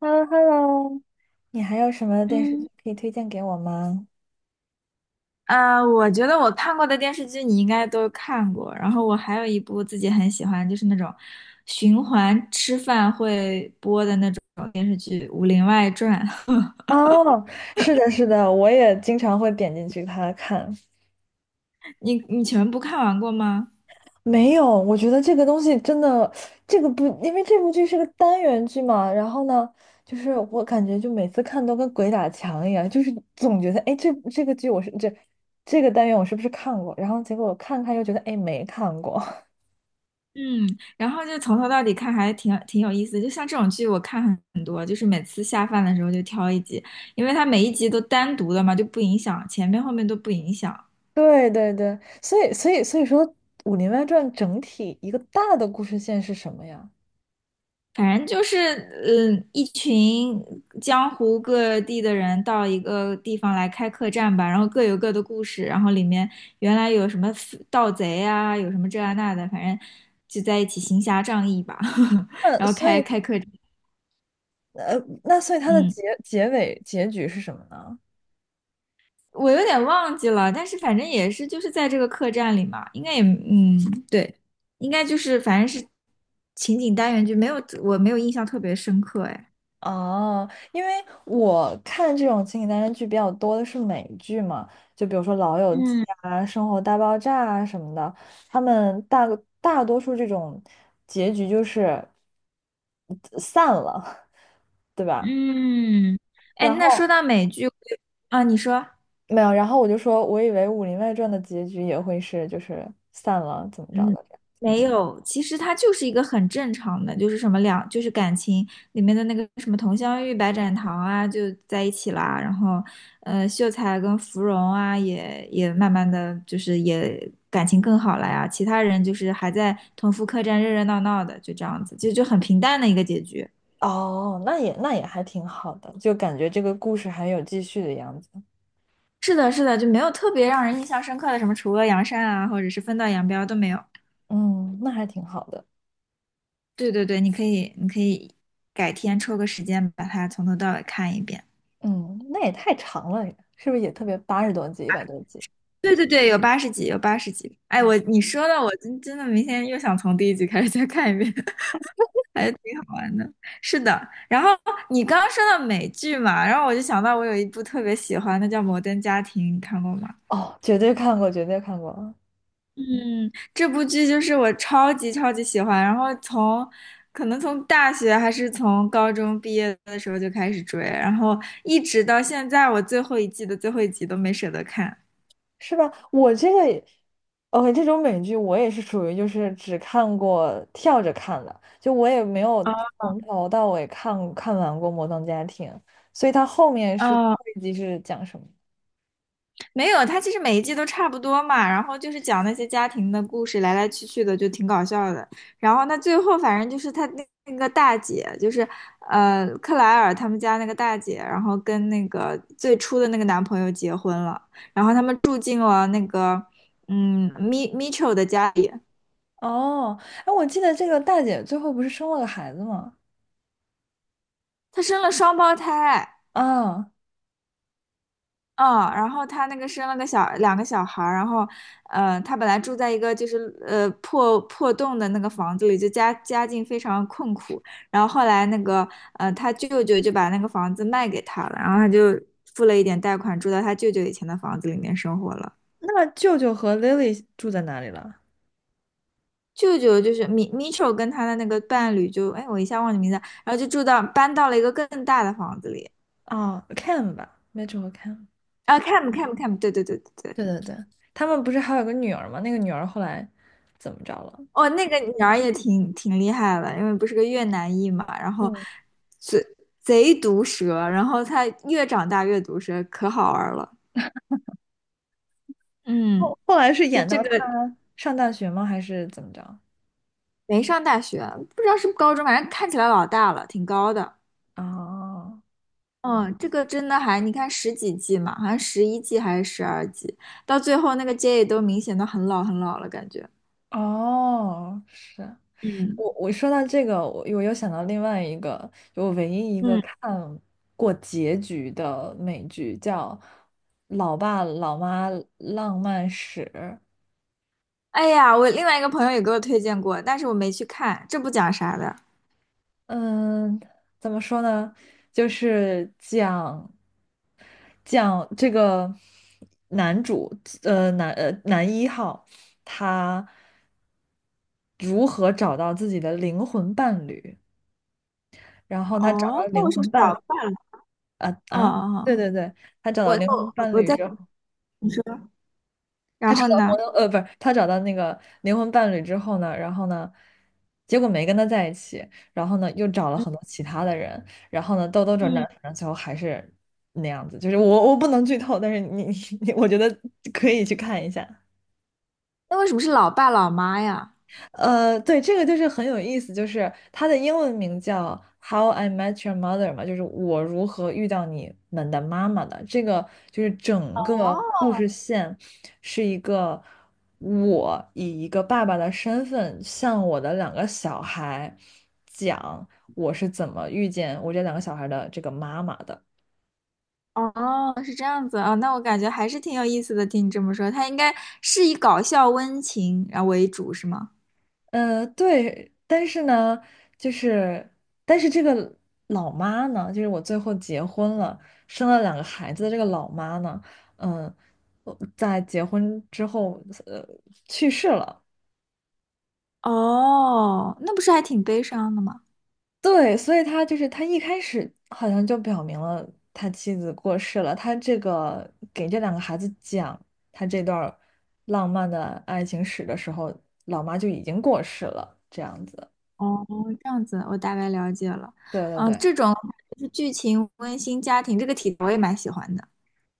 Hello hello 你还有什么电视嗯，剧可以推荐给我吗？我觉得我看过的电视剧你应该都看过，然后我还有一部自己很喜欢，就是那种循环吃饭会播的那种《武林外传》。哦，是的，是的，我也经常会点进去它看。你全部看完过吗？没有，我觉得这个东西真的，这个不，因为这部剧是个单元剧嘛，然后呢，就是我感觉就每次看都跟鬼打墙一样，就是总觉得，哎，这个剧我是这个单元我是不是看过？然后结果我看看又觉得，哎，没看过。嗯，然后就从头到底看还挺有意思的，就像这种剧我看很多，就是每次下饭的时候就挑一集，因为它每一集都单独的嘛，就不影响前面后面都不影响。对对对，所以说，《武林外传》整体一个大的故事线是什么呀？反正就是，一群江湖各地的人到一个地方来开客栈吧，然后各有各的故事，然后里面原来有什么盗贼啊，有什么这啊那的，反正就在一起行侠仗义吧，那然后所开以，开客栈。呃，那所以它的嗯，结局是什么呢？我有点忘记了，但是反正也是就是在这个客栈里嘛，应该也，对，应该就是反正是情景单元剧，没有，我没有印象特别深刻，哎。哦，因为我看这种情景单元剧比较多的是美剧嘛，就比如说《老友记》嗯，啊、《生活大爆炸》啊什么的，他们大多数这种结局就是散了，对吧？嗯，哎，然那说后到美剧我有。啊，你说。没有，然后我就说，我以为《武林外传》的结局也会是就是散了，怎么着嗯，的？没有，其实它就是一个很正常的，就是什么两，就是感情里面的那个什么佟湘玉、白展堂啊，就在一起啦，然后，秀才跟芙蓉啊，也慢慢的就是也感情更好了呀，其他人就是还在同福客栈热热闹闹的，就这样子，就很平淡的一个结局。哦，那也还挺好的，就感觉这个故事还有继续的样子。是的，是的，就没有特别让人印象深刻的什么除恶扬善啊，或者是分道扬镳都没有。嗯，那还挺好的。对对对，你可以改天抽个时间把它从头到尾看一遍。嗯，那也太长了，是不是也特别80多集、100多集对对对，有八十集，有八十集。哎，啊？我你说的，我真的明天又想从第一集开始再看一遍，还挺好玩的。是的，然后你刚刚说到美剧嘛，然后我就想到我有一部特别喜欢的叫《摩登家庭》，你看过吗？哦，绝对看过，绝对看过啊，嗯，这部剧就是我超级超级喜欢，然后从可能从大学还是从高中毕业的时候就开始追，然后一直到现在，我最后一季的最后一集都没舍得看。是吧？我这个也 o 这种美剧我也是属于就是只看过跳着看的，就我也没有从头到尾看完过《摩登家庭》，所以它后面是最哦，后一集是讲什么？没有，他其实每一季都差不多嘛，然后就是讲那些家庭的故事，来来去去的，就挺搞笑的。然后他最后反正就是他那个大姐，就是克莱尔他们家那个大姐，然后跟那个最初的那个男朋友结婚了，然后他们住进了那个米米 m i c 的家里。哦，哎，我记得这个大姐最后不是生了个孩子吗？她生了双胞胎。啊，嗯，然后他那个生了个小两个小孩儿，然后，他本来住在一个就是破洞的那个房子里，就家境非常困苦。然后后来那个他舅舅就把那个房子卖给他了，然后他就付了一点贷款，住到他舅舅以前的房子里面生活了。那舅舅和 Lily 住在哪里了？舅舅就是米丑跟他的那个伴侣就，哎，我一下忘记名字了，然后就住到搬到了一个更大的房子里。啊 Cam 吧 Mitch 和 Cam。啊 Cam Cam Cam 对对对对对。对对对，他们不是还有个女儿吗？那个女儿后来怎么着了？哦，那个女儿也挺厉害的，因为不是个越南裔嘛，然后嗯，贼贼毒舌，然后她越长大越毒舌，可好玩了。嗯，后来是就演这到她个上大学吗？还是怎么着？没上大学，不知道是不是高中，反正看起来老大了，挺高的。啊，嗯，这个真的还，你看十几季嘛，好像11季还是12季，到最后那个 J 都明显的很老很老了，感觉。哦，是嗯我说到这个，我又想到另外一个，就我唯一一个嗯，看过结局的美剧叫《老爸老妈浪漫史》。哎呀，我另外一个朋友也给我推荐过，但是我没去看，这不讲啥的。嗯，怎么说呢？就是讲这个男主，男一号，他如何找到自己的灵魂伴侣，然后他找到哦，那灵我是不魂是早伴看？啊哦啊，哦，哦对对对，他找到我灵魂我伴我侣在之后。你说，他然找后到呢？朋友，呃，不是，他找到那个灵魂伴侣之后呢，然后呢，结果没跟他在一起，然后呢，又找了嗯很多其他的人，然后呢，兜兜转转，嗯，反正最后还是那样子。就是我不能剧透，但是你 我觉得可以去看一下。那为什么是老爸老妈呀？呃，对，这个就是很有意思，就是它的英文名叫《How I Met Your Mother》嘛，就是我如何遇到你们的妈妈的。这个就是整个哦，故事线是一个我以一个爸爸的身份向我的两个小孩讲我是怎么遇见我这两个小孩的这个妈妈的。哦，是这样子啊，那我感觉还是挺有意思的。听你这么说，他应该是以搞笑温情然后为主，是吗？呃，对，但是呢，就是，但是这个老妈呢，就是我最后结婚了，生了两个孩子的这个老妈呢，嗯、我在结婚之后，呃，去世了。哦，那不是还挺悲伤的吗？对，所以他就是他一开始好像就表明了他妻子过世了，他这个给这两个孩子讲他这段儿浪漫的爱情史的时候，老妈就已经过世了，这样子。哦，这样子，我大概了解了。对对嗯，对。这种就是剧情温馨家庭这个题，我也蛮喜欢的。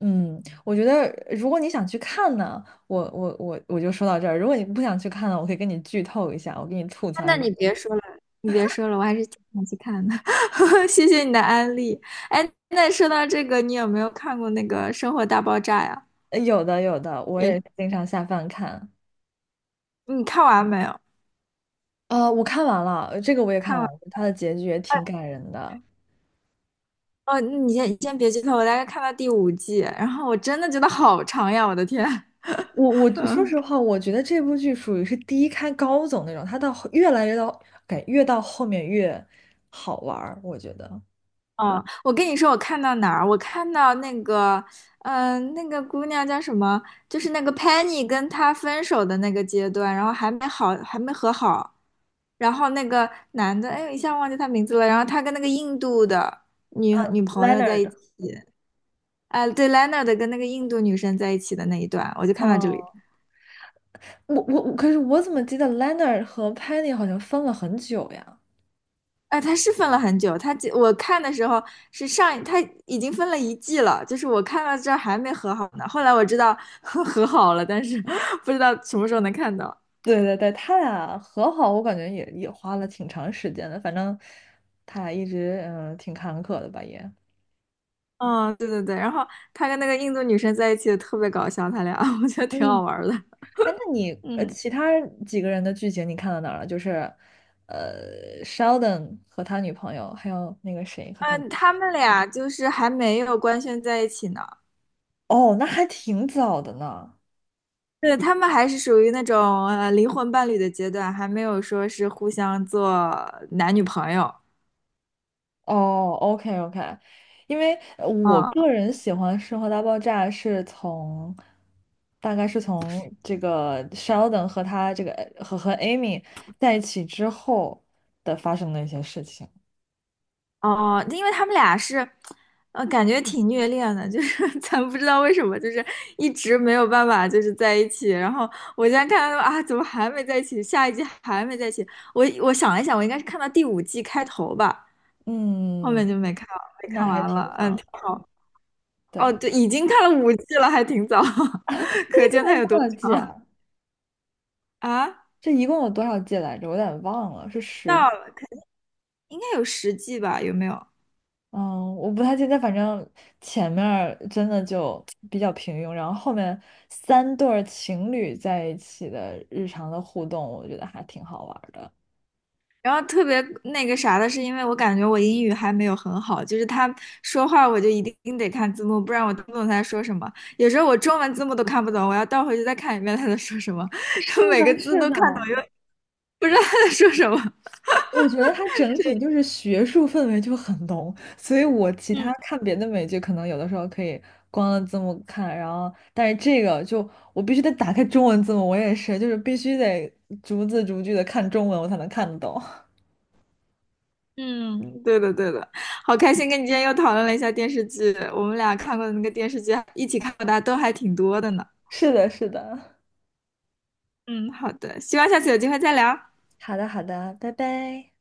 嗯，我觉得如果你想去看呢，我就说到这儿。如果你不想去看呢，我可以跟你剧透一下，我给你吐啊槽那一下。你别说了，你别说了，我还是挺想去看的。谢谢你的安利。哎，那说到这个，你有没有看过那个《生活大爆炸》呀？有的有的，我也，也经常下饭看。你看完没有？啊。我看完了，这个我也看看完完了，它的结局也挺感人的。哦，那你先别剧透，我大概看到第五季，然后我真的觉得好长呀，我的天。我说实 话，我觉得这部剧属于是低开高走那种，它到后越来越到感越到后面越好玩儿，我觉得。嗯，我跟你说，我看到哪儿？我看到那个，那个姑娘叫什么？就是那个 Penny 跟他分手的那个阶段，然后还没好，还没和好。然后那个男的，哎，一下忘记他名字了。然后他跟那个印度的女朋友在一 Leonard，起，哎，对，Leonard 跟那个印度女生在一起的那一段，我就看到这哦，里。我，可是我怎么记得 Leonard 和 Penny 好像分了很久呀？哎，他是分了很久，他我看的时候是上一，它已经分了一季了，就是我看到这儿还没和好呢。后来我知道 和好了，但是 不知道什么时候能看到。对对对，他俩和好，我感觉也花了挺长时间的，反正他俩一直挺坎坷的吧也。嗯，对对对，然后他跟那个印度女生在一起也特别搞笑，他俩 我觉得挺嗯，好玩儿的。哎，那你嗯，其他几个人的剧情你看到哪儿了？就是Sheldon 和他女朋友，还有那个谁和他女朋嗯，友他们俩就是还没有官宣在一起呢。哦，那还挺早的呢。对，他们还是属于那种灵魂伴侣的阶段，还没有说是互相做男女朋友。哦，OK OK，因为我嗯，个人喜欢《生活大爆炸》是从，大概是从这个 Sheldon 和他这个和 Amy 在一起之后的发生的一些事情。哦，因为他们俩是，感觉挺虐恋的，就是 咱不知道为什么，就是一直没有办法就是在一起。然后我现在看到啊，怎么还没在一起？下一季还没在一起？我想了一想，我应该是看到第五季开头吧，后嗯，面就没看没那看还完挺了。嗯，早挺的。好。哦，对，对，已经看了五季了，还挺早，这可一见共它有有多多少季长啊？啊？这一共有多少季来着？我有点忘了，是十。到了，应该有10季吧？有没有？嗯，我不太记得，反正前面儿真的就比较平庸，然后后面3对儿情侣在一起的日常的互动，我觉得还挺好玩儿的。然后特别那个啥的是，因为我感觉我英语还没有很好，就是他说话我就一定得看字幕，不然我听不懂他在说什么。有时候我中文字幕都看不懂，我要倒回去再看一遍他在说什么，是 每个的，字是都的，看懂，又不知道他在说什么。我觉得它整体就是学术氛围就很浓，所以我其嗯他看别的美剧，可能有的时候可以光了字幕看，然后但是这个就我必须得打开中文字幕，我也是，就是必须得逐字逐句的看中文，我才能看得懂。嗯，对的对的，好开心跟你今天又讨论了一下电视剧，我们俩看过的那个电视剧，一起看过的都还挺多的呢。是的，是的。嗯，好的，希望下次有机会再聊。好的，好的，拜拜。